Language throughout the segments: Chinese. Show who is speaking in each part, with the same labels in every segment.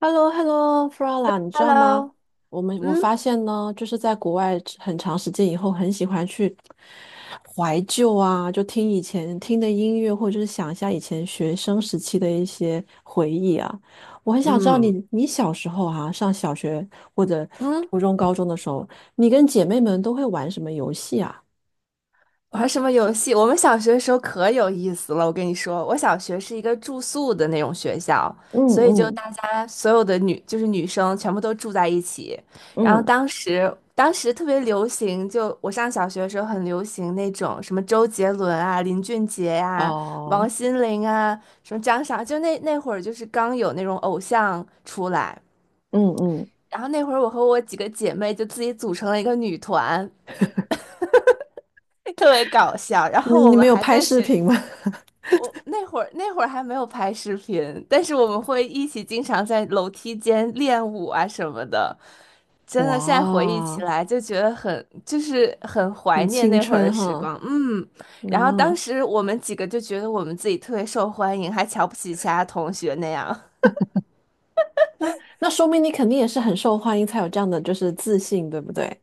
Speaker 1: h e l l o h e l l o f r a l a 你知道吗？
Speaker 2: Hello，
Speaker 1: 我
Speaker 2: 嗯
Speaker 1: 发现呢，就是在国外很长时间以后，很喜欢去怀旧啊，就听以前听的音乐，或者是想一下以前学生时期的一些回忆啊。我很想知道
Speaker 2: 嗯，
Speaker 1: 你小时候啊，上小学或者
Speaker 2: 嗯，
Speaker 1: 初中、高中的时候，你跟姐妹们都会玩什么游戏啊？
Speaker 2: 玩什么游戏？我们小学的时候可有意思了，我跟你说，我小学是一个住宿的那种学校，
Speaker 1: 嗯
Speaker 2: 所以就
Speaker 1: 嗯
Speaker 2: 大家所有的女就是女生全部都住在一起。然后
Speaker 1: 嗯
Speaker 2: 当时特别流行，就我上小学的时候很流行那种什么周杰伦啊、林俊杰呀、
Speaker 1: 哦，
Speaker 2: 王心凌啊、什么张傻，就那会儿就是刚有那种偶像出来。
Speaker 1: 嗯嗯，
Speaker 2: 然后那会儿，我和我几个姐妹就自己组成了一个女团，特别搞笑。然
Speaker 1: 你
Speaker 2: 后我
Speaker 1: 你们
Speaker 2: 们
Speaker 1: 有
Speaker 2: 还
Speaker 1: 拍
Speaker 2: 在
Speaker 1: 视
Speaker 2: 学，
Speaker 1: 频吗？
Speaker 2: 我那会儿还没有拍视频，但是我们会一起经常在楼梯间练舞啊什么的。真的，现在回忆起
Speaker 1: 哇，
Speaker 2: 来就觉得很，就是很怀
Speaker 1: 很
Speaker 2: 念
Speaker 1: 青
Speaker 2: 那会儿
Speaker 1: 春
Speaker 2: 的时
Speaker 1: 哈。
Speaker 2: 光。嗯，然后当
Speaker 1: 哦，
Speaker 2: 时我们几个就觉得我们自己特别受欢迎，还瞧不起其他同学那样。
Speaker 1: 那那说明你肯定也是很受欢迎，才有这样的就是自信，对不对？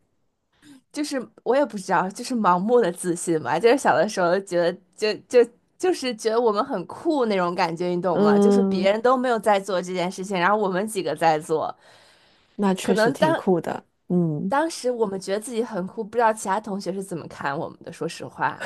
Speaker 2: 就是我也不知道，就是盲目的自信吧。就是小的时候觉得就就是觉得我们很酷那种感觉，你懂吗？就是
Speaker 1: 嗯，
Speaker 2: 别人都没有在做这件事情，然后我们几个在做，
Speaker 1: 那
Speaker 2: 可
Speaker 1: 确实
Speaker 2: 能
Speaker 1: 挺
Speaker 2: 当
Speaker 1: 酷的。嗯。
Speaker 2: 当时我们觉得自己很酷，不知道其他同学是怎么看我们的。说实话，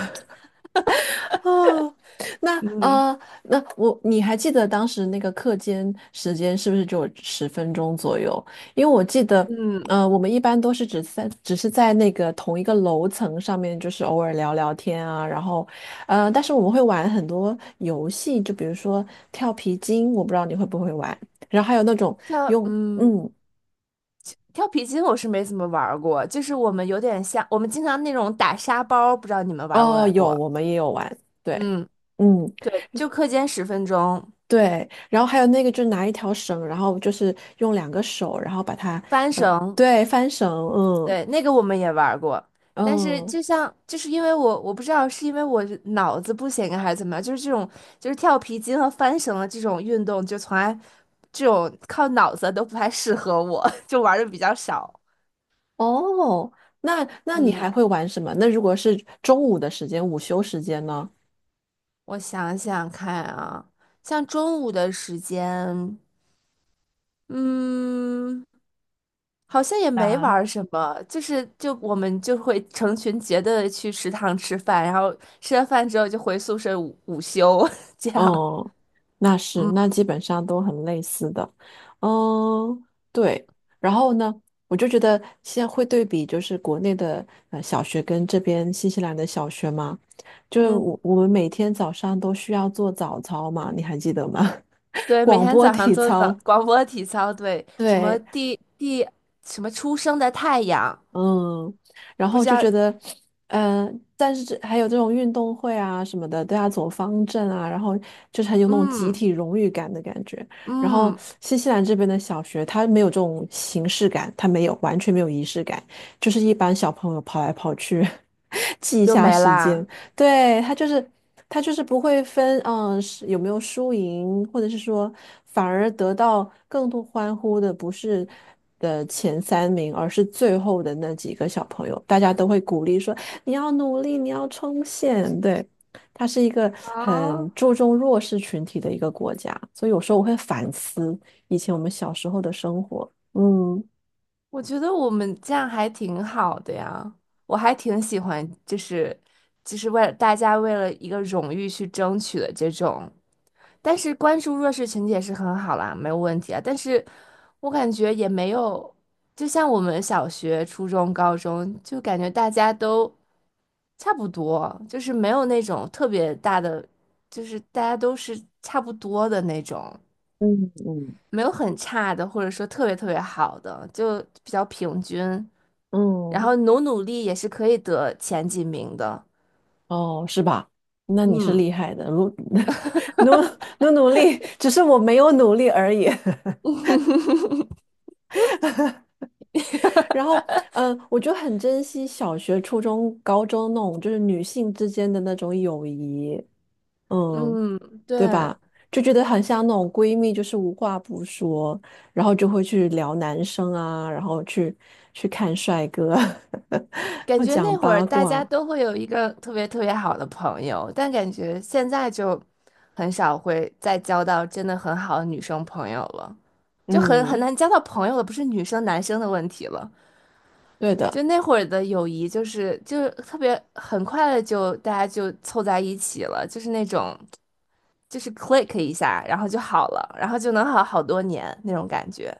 Speaker 1: 哦，那
Speaker 2: 嗯，
Speaker 1: 呃，那我你还记得当时那个课间时间是不是就有10分钟左右？因为我记得，
Speaker 2: 嗯，
Speaker 1: 我们一般都是只是在那个同一个楼层上面，就是偶尔聊聊天啊，然后，但是我们会玩很多游戏，就比如说跳皮筋，我不知道你会不会玩，然后还有那种
Speaker 2: 跳
Speaker 1: 用，
Speaker 2: 嗯
Speaker 1: 嗯，
Speaker 2: 跳皮筋我是没怎么玩儿过，就是我们有点像我们经常那种打沙包，不知道你们玩儿过
Speaker 1: 哦，
Speaker 2: 来
Speaker 1: 有，
Speaker 2: 过？
Speaker 1: 我们也有玩，对，
Speaker 2: 嗯，
Speaker 1: 嗯。
Speaker 2: 对，就课间10分钟
Speaker 1: 对，然后还有那个，就拿一条绳，然后就是用两个手，然后把它，
Speaker 2: 翻
Speaker 1: 呃，
Speaker 2: 绳。
Speaker 1: 对，翻绳，嗯
Speaker 2: 对，那个我们也玩儿过，但是
Speaker 1: 嗯，
Speaker 2: 就像就是因为我不知道是因为我是脑子不行啊还是怎么样，就是这种就是跳皮筋和翻绳的这种运动，就从来这种靠脑子都不太适合我，就玩的比较少。
Speaker 1: 哦，那你
Speaker 2: 嗯，
Speaker 1: 还会玩什么？那如果是中午的时间，午休时间呢？
Speaker 2: 我想想看啊，像中午的时间，嗯，好像也没玩
Speaker 1: 啊。
Speaker 2: 儿什么，就是我们就会成群结队的去食堂吃饭，然后吃完饭之后就回宿舍午休 这样。
Speaker 1: 哦，那是，那基本上都很类似的，嗯，对。然后呢，我就觉得现在会对比，就是国内的小学跟这边新西兰的小学嘛，就
Speaker 2: 嗯。
Speaker 1: 我们每天早上都需要做早操嘛，你还记得吗？
Speaker 2: 对，每
Speaker 1: 广
Speaker 2: 天
Speaker 1: 播
Speaker 2: 早上
Speaker 1: 体
Speaker 2: 做早
Speaker 1: 操，
Speaker 2: 广播体操，对，什么
Speaker 1: 对。
Speaker 2: 什么初升的太阳，
Speaker 1: 嗯，然
Speaker 2: 不
Speaker 1: 后
Speaker 2: 知
Speaker 1: 就
Speaker 2: 道，
Speaker 1: 觉得，但是这还有这种运动会啊什么的，都要走方阵啊，然后就是很有那种集
Speaker 2: 嗯
Speaker 1: 体荣誉感的感觉。然后
Speaker 2: 嗯，
Speaker 1: 新西兰这边的小学，它没有这种形式感，它没有完全没有仪式感，就是一般小朋友跑来跑去，记一
Speaker 2: 就
Speaker 1: 下
Speaker 2: 没
Speaker 1: 时间，
Speaker 2: 啦。
Speaker 1: 对，他就是不会分，嗯，是有没有输赢，或者是说，反而得到更多欢呼的不是的前三名，而是最后的那几个小朋友，大家都会鼓励说你要努力，你要冲线。对，它是一个
Speaker 2: 啊，
Speaker 1: 很注重弱势群体的一个国家，所以有时候我会反思以前我们小时候的生活。嗯
Speaker 2: 我觉得我们这样还挺好的呀，我还挺喜欢，就是为了大家为了一个荣誉去争取的这种，但是关注弱势群体也是很好啦，没有问题啊。但是我感觉也没有，就像我们小学、初中、高中，就感觉大家都。差不多，就是没有那种特别大的，就是大家都是差不多的那种，
Speaker 1: 嗯嗯。
Speaker 2: 没有很差的，或者说特别特别好的，就比较平均。然
Speaker 1: 嗯。
Speaker 2: 后努力也是可以得前几名的。
Speaker 1: 哦，是吧？那你是
Speaker 2: 嗯
Speaker 1: 厉害的，努努力，只是我没有努力而已。然后，我就很珍惜小学、初中、高中那种就是女性之间的那种友谊，嗯，
Speaker 2: 嗯，
Speaker 1: 对
Speaker 2: 对，
Speaker 1: 吧？就觉得很像那种闺蜜，就是无话不说，然后就会去聊男生啊，然后去看帅哥，
Speaker 2: 感
Speaker 1: 要
Speaker 2: 觉
Speaker 1: 讲
Speaker 2: 那会儿
Speaker 1: 八
Speaker 2: 大家
Speaker 1: 卦，
Speaker 2: 都会有一个特别特别好的朋友，但感觉现在就很少会再交到真的很好的女生朋友了，就很很
Speaker 1: 嗯，
Speaker 2: 难交到朋友了，不是女生男生的问题了。
Speaker 1: 对的。
Speaker 2: 就那会儿的友谊，就是特别很快的就大家就凑在一起了，就是那种就是 click 一下，然后就好了，然后就能好好多年那种感觉。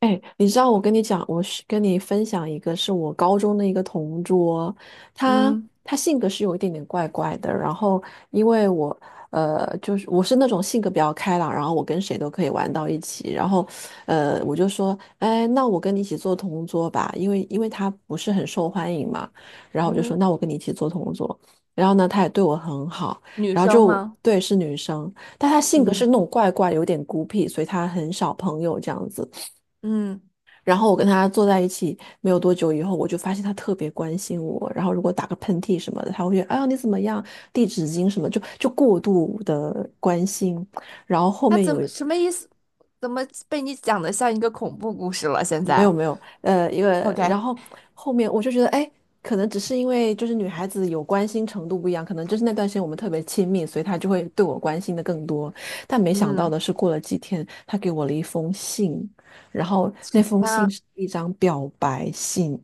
Speaker 1: 哎，你知道我跟你讲，我是跟你分享一个，是我高中的一个同桌，他
Speaker 2: 嗯
Speaker 1: 他性格是有一点点怪怪的。然后因为我就是我是那种性格比较开朗，然后我跟谁都可以玩到一起。然后我就说，哎，那我跟你一起做同桌吧，因为他不是很受欢迎嘛。然后我就说，
Speaker 2: 嗯，
Speaker 1: 那我跟你一起做同桌。然后呢，他也对我很好，
Speaker 2: 女
Speaker 1: 然后
Speaker 2: 生
Speaker 1: 就
Speaker 2: 吗？
Speaker 1: 对是女生，但她性格是
Speaker 2: 嗯
Speaker 1: 那种怪怪，有点孤僻，所以她很少朋友这样子。
Speaker 2: 嗯，
Speaker 1: 然后我跟他坐在一起没有多久以后，我就发现他特别关心我。然后如果打个喷嚏什么的，他会觉得哎呀你怎么样，递纸巾什么，就过度的关心。然后后
Speaker 2: 那
Speaker 1: 面
Speaker 2: 怎
Speaker 1: 有
Speaker 2: 么什么意思？怎么被你讲的像一个恐怖故事了？现
Speaker 1: 没有
Speaker 2: 在
Speaker 1: 没有一个，
Speaker 2: ，OK，
Speaker 1: 然后后面我就觉得哎，可能只是因为就是女孩子有关心程度不一样，可能就是那段时间我们特别亲密，所以他就会对我关心的更多。但没想到
Speaker 2: 嗯，
Speaker 1: 的是，过了几天，他给我了一封信，然后那
Speaker 2: 什么
Speaker 1: 封信
Speaker 2: 样？
Speaker 1: 是一张表白信。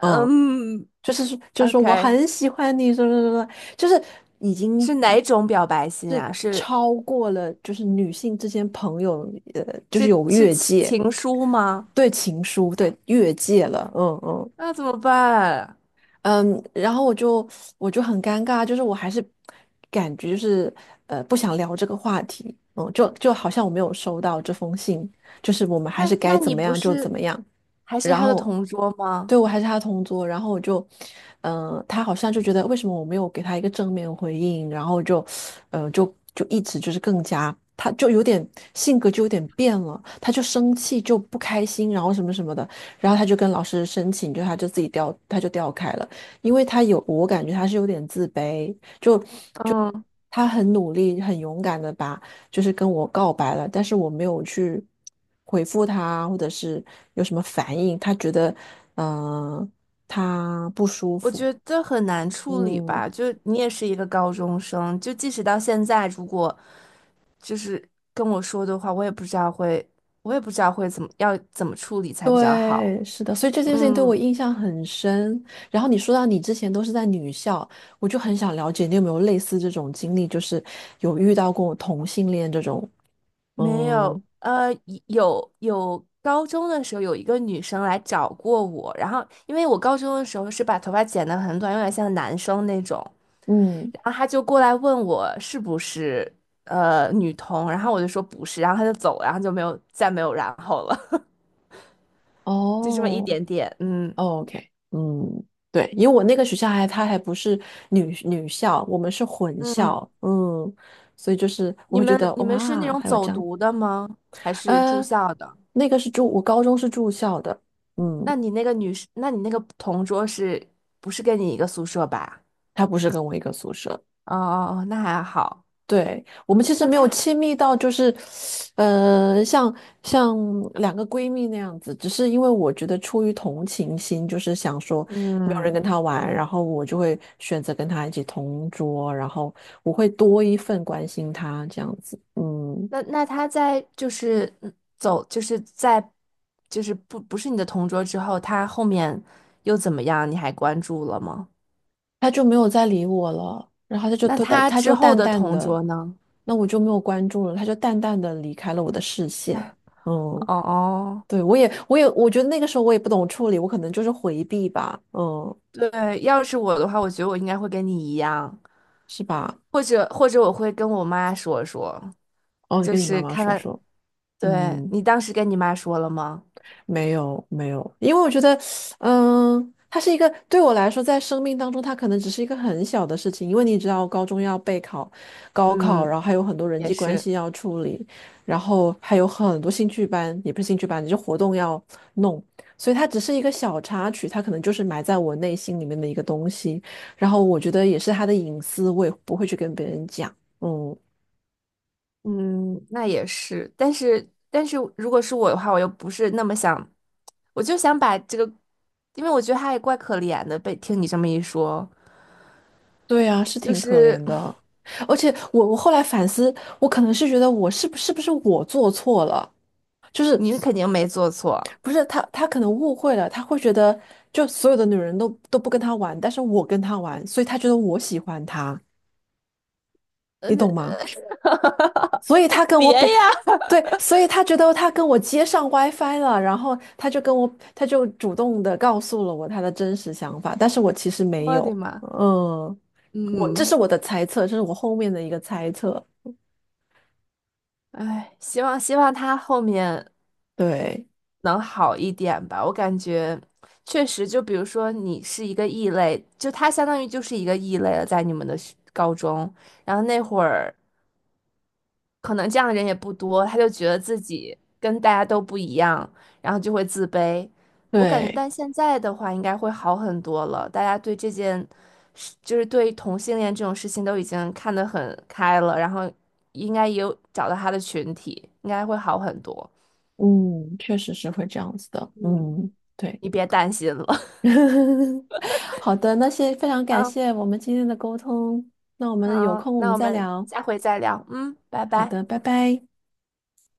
Speaker 1: 嗯，就是说我
Speaker 2: ，OK，
Speaker 1: 很喜欢你，什么什么什么，就是已经
Speaker 2: 是哪
Speaker 1: 与
Speaker 2: 种表白信
Speaker 1: 是
Speaker 2: 啊？是
Speaker 1: 超过了，就是女性之间朋友，就是
Speaker 2: 是
Speaker 1: 有
Speaker 2: 是
Speaker 1: 越
Speaker 2: 情
Speaker 1: 界，
Speaker 2: 情书吗？
Speaker 1: 对情书，对越界了，嗯嗯。
Speaker 2: 那怎么办？
Speaker 1: 嗯，然后我就很尴尬，就是我还是感觉就是不想聊这个话题，嗯，就好像我没有收到这封信，就是我们还
Speaker 2: 那
Speaker 1: 是该
Speaker 2: 那
Speaker 1: 怎
Speaker 2: 你
Speaker 1: 么
Speaker 2: 不
Speaker 1: 样就怎
Speaker 2: 是
Speaker 1: 么样。
Speaker 2: 还是
Speaker 1: 然
Speaker 2: 他的
Speaker 1: 后
Speaker 2: 同桌吗？
Speaker 1: 对我还是他同桌，然后我就，他好像就觉得为什么我没有给他一个正面回应，然后就，就一直就是更加，他就有点性格就有点变了，他就生气就不开心，然后什么什么的，然后他就跟老师申请，就他就自己调，他就调开了。因为他有，我感觉他是有点自卑，就
Speaker 2: 嗯，
Speaker 1: 他很努力、很勇敢的把就是跟我告白了，但是我没有去回复他，或者是有什么反应，他觉得嗯、呃他不舒
Speaker 2: 我
Speaker 1: 服，
Speaker 2: 觉得很难处理
Speaker 1: 嗯。
Speaker 2: 吧。就你也是一个高中生，就即使到现在，如果就是跟我说的话，我也不知道会怎么要怎么处理才比较好。
Speaker 1: 对，是的，所以这件事情对我
Speaker 2: 嗯，
Speaker 1: 印象很深。然后你说到你之前都是在女校，我就很想了解你有没有类似这种经历，就是有遇到过同性恋这种，
Speaker 2: 没
Speaker 1: 嗯
Speaker 2: 有，有有高中的时候有一个女生来找过我，然后因为我高中的时候是把头发剪得很短，有点像男生那种。
Speaker 1: 嗯，
Speaker 2: 然后他就过来问我是不是女同，然后我就说不是，然后他就走了然后就没有然后了，就这么一
Speaker 1: 哦，
Speaker 2: 点点。嗯
Speaker 1: 哦 OK，嗯，对，因为我那个学校还它还不是女校，我们是混
Speaker 2: 嗯，
Speaker 1: 校，嗯，所以就是我
Speaker 2: 你
Speaker 1: 会觉
Speaker 2: 们
Speaker 1: 得
Speaker 2: 你们是那
Speaker 1: 哇，
Speaker 2: 种
Speaker 1: 还有
Speaker 2: 走
Speaker 1: 这样，
Speaker 2: 读的吗？还是住
Speaker 1: 呃，
Speaker 2: 校的？
Speaker 1: 那个是住，我高中是住校的，
Speaker 2: 那
Speaker 1: 嗯，
Speaker 2: 你那个女生，那你那个同桌是不是跟你一个宿舍吧？
Speaker 1: 他不是跟我一个宿舍，
Speaker 2: 哦哦哦，那还好。
Speaker 1: 对，我们其实
Speaker 2: 那
Speaker 1: 没有
Speaker 2: 他
Speaker 1: 亲密到，就是，呃，像像两个闺蜜那样子，只是因为我觉得出于同情心，就是想说没有人
Speaker 2: 嗯，
Speaker 1: 跟她玩，然后我就会选择跟她一起同桌，然后我会多一份关心她这样子，嗯，
Speaker 2: 那那他在就是就是在就是不是你的同桌之后，他后面又怎么样？你还关注了吗？
Speaker 1: 她就没有再理我了，然后她就
Speaker 2: 那
Speaker 1: 都淡，
Speaker 2: 他
Speaker 1: 她
Speaker 2: 之
Speaker 1: 就
Speaker 2: 后
Speaker 1: 淡
Speaker 2: 的
Speaker 1: 淡
Speaker 2: 同
Speaker 1: 的，
Speaker 2: 桌呢？
Speaker 1: 那我就没有关注了，她就淡淡的离开了我的视线，嗯。
Speaker 2: 哦哦，
Speaker 1: 对，我觉得那个时候我也不懂处理，我可能就是回避吧，嗯，
Speaker 2: 对，要是我的话，我觉得我应该会跟你一样，
Speaker 1: 是吧？
Speaker 2: 或者我会跟我妈说说，
Speaker 1: 哦，你
Speaker 2: 就
Speaker 1: 跟你
Speaker 2: 是
Speaker 1: 妈妈
Speaker 2: 看
Speaker 1: 说
Speaker 2: 看，
Speaker 1: 说，
Speaker 2: 对，
Speaker 1: 嗯，
Speaker 2: 你当时跟你妈说了吗？
Speaker 1: 没有没有，因为我觉得，它是一个对我来说，在生命当中，它可能只是一个很小的事情，因为你知道，高中要备考、高考，
Speaker 2: 嗯，
Speaker 1: 然后还有很多人
Speaker 2: 也
Speaker 1: 际关
Speaker 2: 是。
Speaker 1: 系要处理，然后还有很多兴趣班，也不是兴趣班，就是活动要弄，所以它只是一个小插曲，它可能就是埋在我内心里面的一个东西，然后我觉得也是他的隐私，我也不会去跟别人讲，嗯。
Speaker 2: 嗯，那也是，但是但是如果是我的话，我又不是那么想，我就想把这个，因为我觉得他也怪可怜的，被听你这么一说，
Speaker 1: 对呀，是
Speaker 2: 就
Speaker 1: 挺可
Speaker 2: 是
Speaker 1: 怜的。而且我后来反思，我可能是觉得我是不是我做错了，就是
Speaker 2: 你肯定没做错，
Speaker 1: 不是他可能误会了，他会觉得就所有的女人都不跟他玩，但是我跟他玩，所以他觉得我喜欢他，你
Speaker 2: 嗯，
Speaker 1: 懂吗？所以他跟
Speaker 2: 别
Speaker 1: 我表，
Speaker 2: 呀，
Speaker 1: 对，所以他觉得他跟我接上 WiFi 了，然后他就主动的告诉了我他的真实想法，但是我其实没
Speaker 2: 我的
Speaker 1: 有，
Speaker 2: 妈，
Speaker 1: 我这是
Speaker 2: 嗯，
Speaker 1: 我的猜测，这是我后面的一个猜测，
Speaker 2: 哎，希望他后面
Speaker 1: 对。
Speaker 2: 能好一点吧，我感觉确实，就比如说你是一个异类，就他相当于就是一个异类了，在你们的学高中，然后那会儿。可能这样的人也不多，他就觉得自己跟大家都不一样，然后就会自卑。我感觉，
Speaker 1: 对，
Speaker 2: 但现在的话应该会好很多了，大家对这件事，就是对同性恋这种事情都已经看得很开了，然后应该也有找到他的群体，应该会好很多。
Speaker 1: 嗯，确实是会这样子的，
Speaker 2: 嗯，
Speaker 1: 嗯，对，
Speaker 2: 你别担心了。
Speaker 1: 好的，那先非常感
Speaker 2: 好，
Speaker 1: 谢我们今天的沟通，那我们有
Speaker 2: 好，
Speaker 1: 空我
Speaker 2: 那
Speaker 1: 们
Speaker 2: 我
Speaker 1: 再
Speaker 2: 们
Speaker 1: 聊，
Speaker 2: 下回再聊。嗯，拜
Speaker 1: 好
Speaker 2: 拜。
Speaker 1: 的，拜拜。